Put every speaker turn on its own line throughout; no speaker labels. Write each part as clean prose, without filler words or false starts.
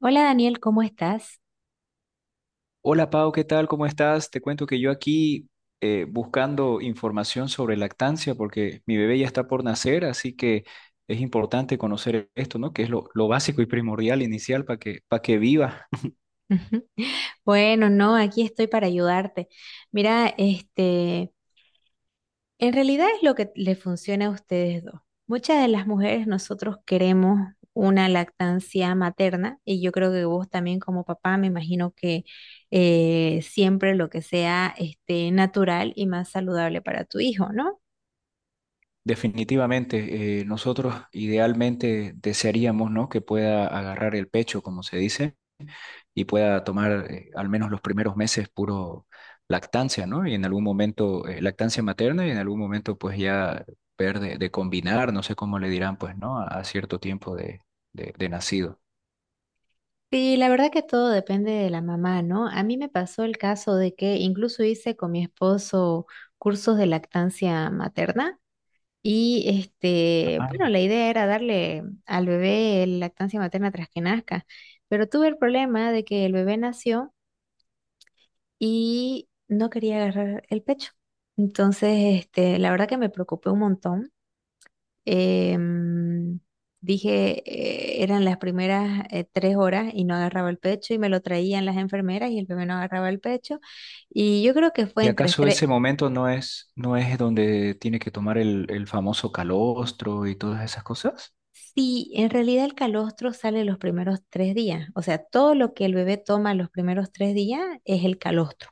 Hola Daniel, ¿cómo estás?
Hola Pau, ¿qué tal? ¿Cómo estás? Te cuento que yo aquí buscando información sobre lactancia porque mi bebé ya está por nacer, así que es importante conocer esto, ¿no? Que es lo básico y primordial inicial para para que viva.
Ujú. Bueno, no, aquí estoy para ayudarte. Mira, este, en realidad es lo que le funciona a ustedes dos. Muchas de las mujeres nosotros queremos una lactancia materna y yo creo que vos también como papá me imagino que siempre lo que sea este, natural y más saludable para tu hijo, ¿no?
Definitivamente, nosotros idealmente desearíamos, ¿no? Que pueda agarrar el pecho, como se dice, y pueda tomar al menos los primeros meses puro lactancia, ¿no? Y en algún momento, lactancia materna, y en algún momento pues ya ver de combinar, no sé cómo le dirán pues, ¿no? A cierto tiempo de nacido.
Sí, la verdad que todo depende de la mamá, ¿no? A mí me pasó el caso de que incluso hice con mi esposo cursos de lactancia materna y este,
Ah.
bueno, la idea era darle al bebé lactancia materna tras que nazca, pero tuve el problema de que el bebé nació y no quería agarrar el pecho. Entonces, este, la verdad que me preocupé un montón. Em, Dije, eran las primeras 3 horas y no agarraba el pecho y me lo traían las enfermeras y el bebé no agarraba el pecho. Y yo creo que fue
¿Y
entre
acaso
tres.
ese momento no es, no es donde tiene que tomar el famoso calostro y todas esas cosas?
Sí, en realidad el calostro sale los primeros 3 días. O sea, todo lo que el bebé toma los primeros 3 días es el calostro.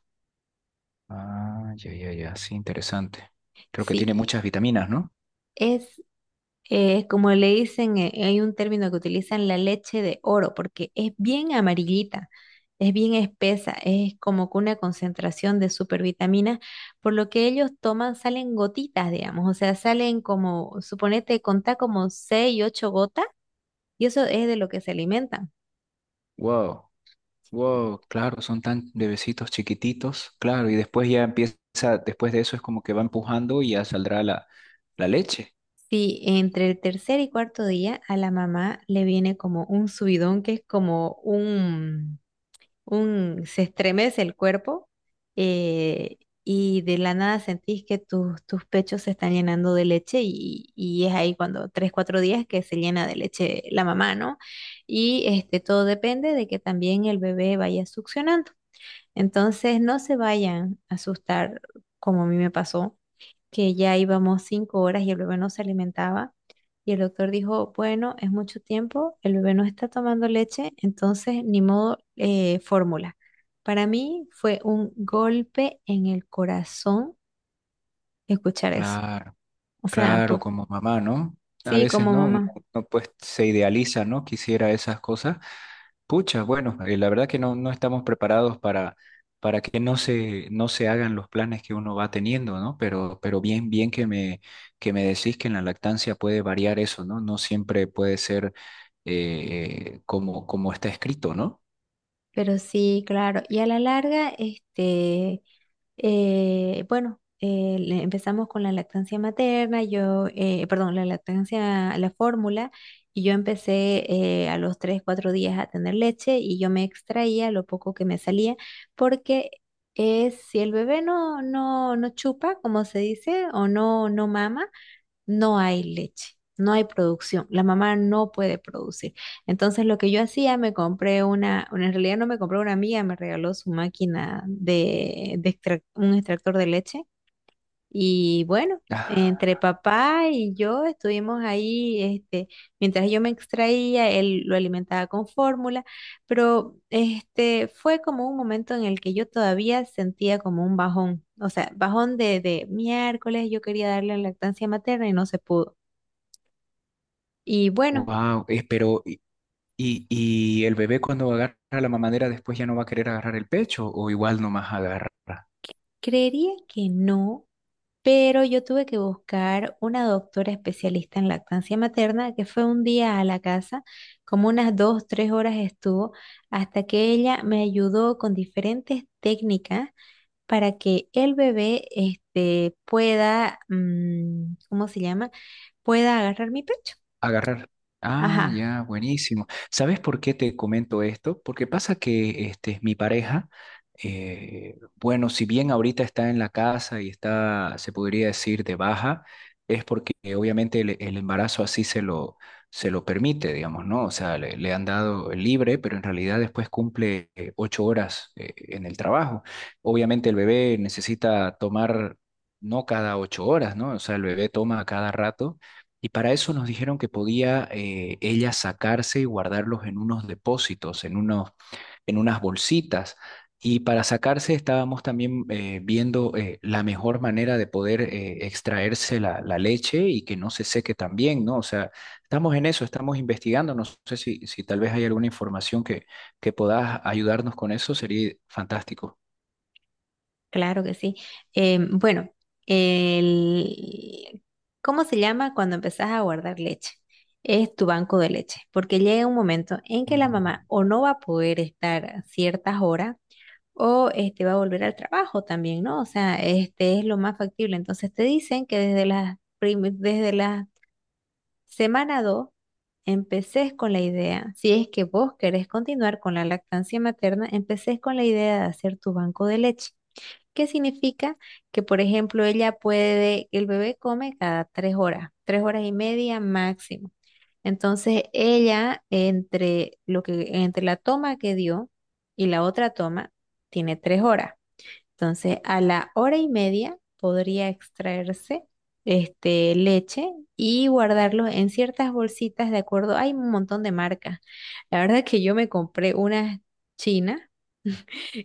Ah, ya, ya, ya, sí, interesante. Creo que tiene muchas
Sí,
vitaminas, ¿no?
es, como le dicen, hay un término que utilizan, la leche de oro, porque es bien amarillita, es bien espesa, es como que una concentración de supervitaminas, por lo que ellos toman, salen gotitas, digamos, o sea, salen como, suponete, contá como 6 y 8 gotas, y eso es de lo que se alimentan.
Wow. Wow, claro, son tan bebecitos chiquititos, claro, y después ya empieza, después de eso es como que va empujando y ya saldrá la leche.
Si entre el tercer y cuarto día a la mamá le viene como un subidón, que es como un, se estremece el cuerpo, eh, y de la nada sentís que tus pechos se están llenando de leche, y es ahí cuando 3, 4 días que se llena de leche la mamá, ¿no? Y este, todo depende de que también el bebé vaya succionando. Entonces, no se vayan a asustar como a mí me pasó, que ya íbamos 5 horas y el bebé no se alimentaba. Y el doctor dijo, bueno, es mucho tiempo, el bebé no está tomando leche, entonces ni modo, fórmula. Para mí fue un golpe en el corazón escuchar eso.
Claro,
O sea,
claro, como mamá, ¿no? A
sí,
veces,
como
¿no?
mamá,
Uno pues se idealiza, ¿no? Quisiera esas cosas. Pucha, bueno, la verdad que no estamos preparados para que no se hagan los planes que uno va teniendo, ¿no? Pero bien, bien que que me decís que en la lactancia puede variar eso, ¿no? No siempre puede ser como, como está escrito, ¿no?
pero sí, claro. Y a la larga, este, bueno, empezamos con la lactancia materna, yo, perdón, la lactancia, la fórmula, y yo empecé a los 3, 4 días a tener leche y yo me extraía lo poco que me salía, porque es si el bebé no, no, no chupa, como se dice, o no, no mama, no hay leche, no hay producción, la mamá no puede producir. Entonces lo que yo hacía, me compré una, bueno, en realidad no me compré, una amiga me regaló su máquina de, un extractor de leche, y bueno. Entre papá y yo estuvimos ahí, este, mientras yo me extraía, él lo alimentaba con fórmula, pero este fue como un momento en el que yo todavía sentía como un bajón, o sea, bajón de miércoles, yo quería darle lactancia materna y no se pudo. Y bueno,
Wow, pero y el bebé cuando agarra la mamadera después ya no va a querer agarrar el pecho, ¿o igual nomás agarra?
creería que no, pero yo tuve que buscar una doctora especialista en lactancia materna que fue un día a la casa, como unas 2, 3 horas estuvo, hasta que ella me ayudó con diferentes técnicas para que el bebé este, pueda, ¿cómo se llama? Pueda agarrar mi pecho.
Agarrar. Ah,
Ajá,
ya, buenísimo. ¿Sabes por qué te comento esto? Porque pasa que este, mi pareja, bueno, si bien ahorita está en la casa y está, se podría decir, de baja, es porque obviamente el embarazo así se se lo permite, digamos, ¿no? O sea, le han dado libre, pero en realidad después cumple 8 horas en el trabajo. Obviamente el bebé necesita tomar, no cada 8 horas, ¿no? O sea, el bebé toma a cada rato, y para eso nos dijeron que podía ella sacarse y guardarlos en unos depósitos, en unos, en unas bolsitas. Y para sacarse estábamos también viendo la mejor manera de poder extraerse la leche y que no se seque también, ¿no? O sea, estamos en eso, estamos investigando. No sé si, si tal vez hay alguna información que puedas ayudarnos con eso, sería fantástico.
claro que sí. Bueno, el- ¿cómo se llama cuando empezás a guardar leche? Es tu banco de leche, porque llega un momento en que la mamá
Mm.
o no va a poder estar ciertas horas o este va a volver al trabajo también, ¿no? O sea, este es lo más factible. Entonces te dicen que desde las Semana 2, empecés con la idea, si es que vos querés continuar con la lactancia materna, empecés con la idea de hacer tu banco de leche. ¿Qué significa? Que, por ejemplo, ella puede, el bebé come cada 3 horas, 3 horas y media máximo. Entonces, ella, entre lo que, entre la toma que dio y la otra toma, tiene 3 horas. Entonces, a la hora y media podría extraerse este, leche y guardarlo en ciertas bolsitas de acuerdo. Hay un montón de marcas. La verdad que yo me compré unas chinas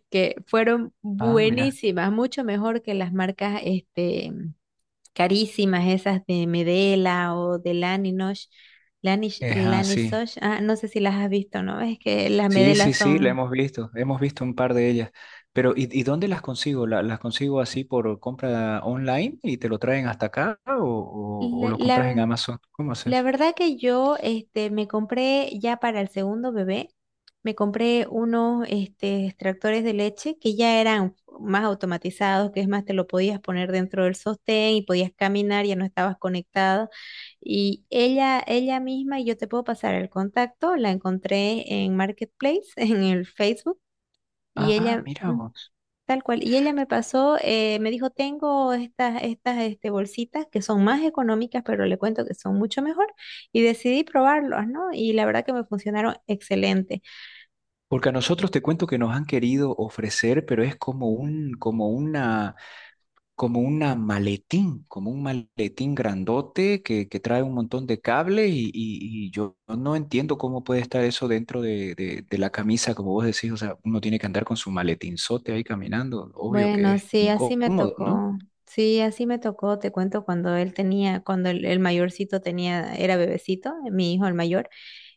que fueron
Ah, mira,
buenísimas, mucho mejor que las marcas este, carísimas, esas de Medela o de Laninosh. Lanish,
es así.
Lanisosh, ah, no sé si las has visto, ¿no? Es que las
Sí,
Medela
sí, sí, la
son...
hemos visto un par de ellas. Pero, y dónde las consigo? ¿La- ¿Las consigo así por compra online y te lo traen hasta acá o
La,
lo compras en
la-
Amazon? ¿Cómo
La
haces?
verdad que yo este, me compré ya para el segundo bebé, me compré unos este, extractores de leche que ya eran más automatizados, que es más, te lo podías poner dentro del sostén y podías caminar, ya no estabas conectada. Y ella misma, y yo te puedo pasar el contacto, la encontré en Marketplace, en el Facebook, y
Ah,
ella...
mira vos.
tal cual. Y ella me pasó, me dijo, tengo estas este, bolsitas que son más económicas, pero le cuento que son mucho mejor. Y decidí probarlos, ¿no? Y la verdad que me funcionaron excelente.
Porque a nosotros te cuento que nos han querido ofrecer, pero es como como una, como una maletín, como un maletín grandote que trae un montón de cable y, y yo no entiendo cómo puede estar eso dentro de la camisa, como vos decís, o sea, uno tiene que andar con su maletinzote ahí caminando, obvio que
Bueno,
es
sí, así me
incómodo, ¿no?
tocó. Sí, así me tocó. Te cuento cuando él tenía, cuando el mayorcito tenía, era bebecito, mi hijo el mayor.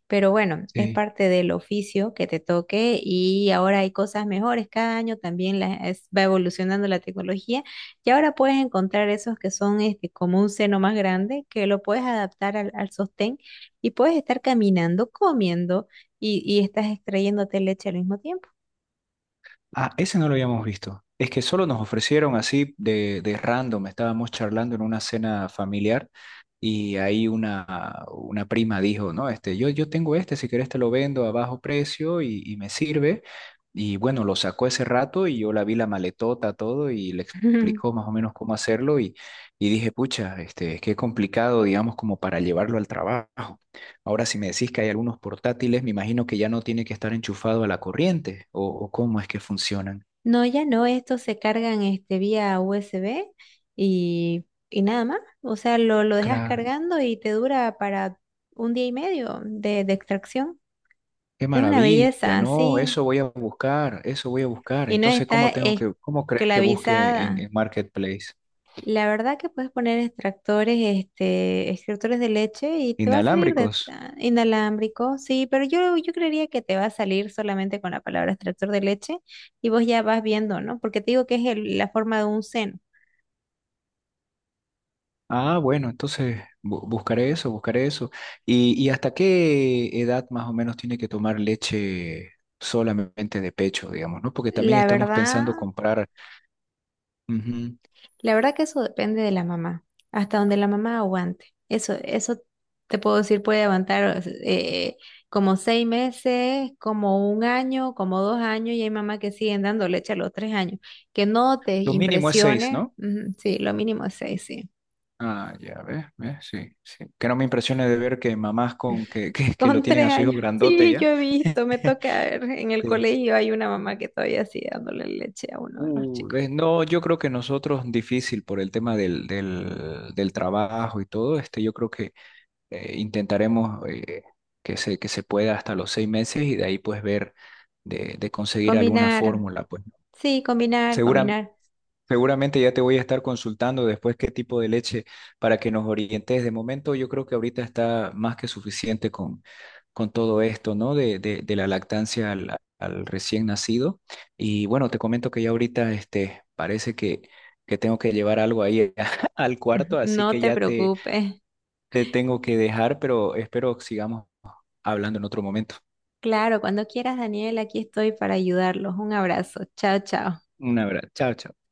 Pero bueno, es
Sí.
parte del oficio que te toque y ahora hay cosas mejores. Cada año también va evolucionando la tecnología y ahora puedes encontrar esos que son este, como un seno más grande que lo puedes adaptar al sostén y puedes estar caminando, comiendo, y estás extrayéndote leche al mismo tiempo.
Ah, ese no lo habíamos visto. Es que solo nos ofrecieron así de random. Estábamos charlando en una cena familiar y ahí una prima dijo, no, este, yo tengo este, si querés te lo vendo a bajo precio y me sirve. Y bueno, lo sacó ese rato y yo la vi la maletota, todo, y le explicó más o menos cómo hacerlo, y dije, pucha, este, qué complicado, digamos, como para llevarlo al trabajo. Ahora, si me decís que hay algunos portátiles, me imagino que ya no tiene que estar enchufado a la corriente, o cómo es que funcionan.
No, ya no, estos se cargan este, vía USB, y nada más. O sea, lo dejas
Claro,
cargando y te dura para 1 día y medio de extracción.
qué
Es una
maravilla,
belleza,
no,
sí,
eso voy a buscar, eso voy a buscar.
y no
Entonces,
está
¿cómo tengo que, cómo crees que busque
esclavizada.
en Marketplace?
La verdad que puedes poner extractores, este, extractores de leche y te va a salir
Inalámbricos.
inalámbrico, sí, pero yo creería que te va a salir solamente con la palabra extractor de leche y vos ya vas viendo, ¿no? Porque te digo que es la forma de un seno.
Ah, bueno, entonces buscaré eso, buscaré eso. Y hasta qué edad más o menos tiene que tomar leche solamente de pecho, digamos, ¿no? Porque también
La
estamos
verdad,
pensando comprar. Ujú.
La verdad que eso depende de la mamá, hasta donde la mamá aguante. Eso te puedo decir, puede aguantar como 6 meses, como un año, como 2 años, y hay mamás que siguen dando leche a los 3 años. Que no te
Lo mínimo es seis,
impresione,
¿no?
ujú, sí, lo mínimo es seis, sí.
Ah, ya ves, ves, sí, sí. Que no me impresione de ver que mamás con que lo
Con
tienen
tres
a su hijo
años,
grandote
sí, yo
ya.
he visto, me toca ver, en el
Sí.
colegio hay una mamá que todavía sigue dándole leche a uno de los chicos.
Ves, no, yo creo que nosotros difícil por el tema del, del, del trabajo y todo, este, yo creo que intentaremos que se pueda hasta los 6 meses, y de ahí pues ver de conseguir alguna
Combinar,
fórmula, pues, ¿no?
sí, combinar,
Segura-
combinar.
Seguramente ya te voy a estar consultando después qué tipo de leche para que nos orientes. De momento, yo creo que ahorita está más que suficiente con todo esto, ¿no? De la lactancia al recién nacido. Y bueno, te comento que ya ahorita este, parece que tengo que llevar algo ahí al
Ujú,
cuarto, así
no
que
te
ya te,
preocupes.
te tengo que dejar, pero espero que sigamos hablando en otro momento.
Claro, cuando quieras, Daniel, aquí estoy para ayudarlos. Un abrazo. Chao, chao.
Un abrazo. Chao, chao.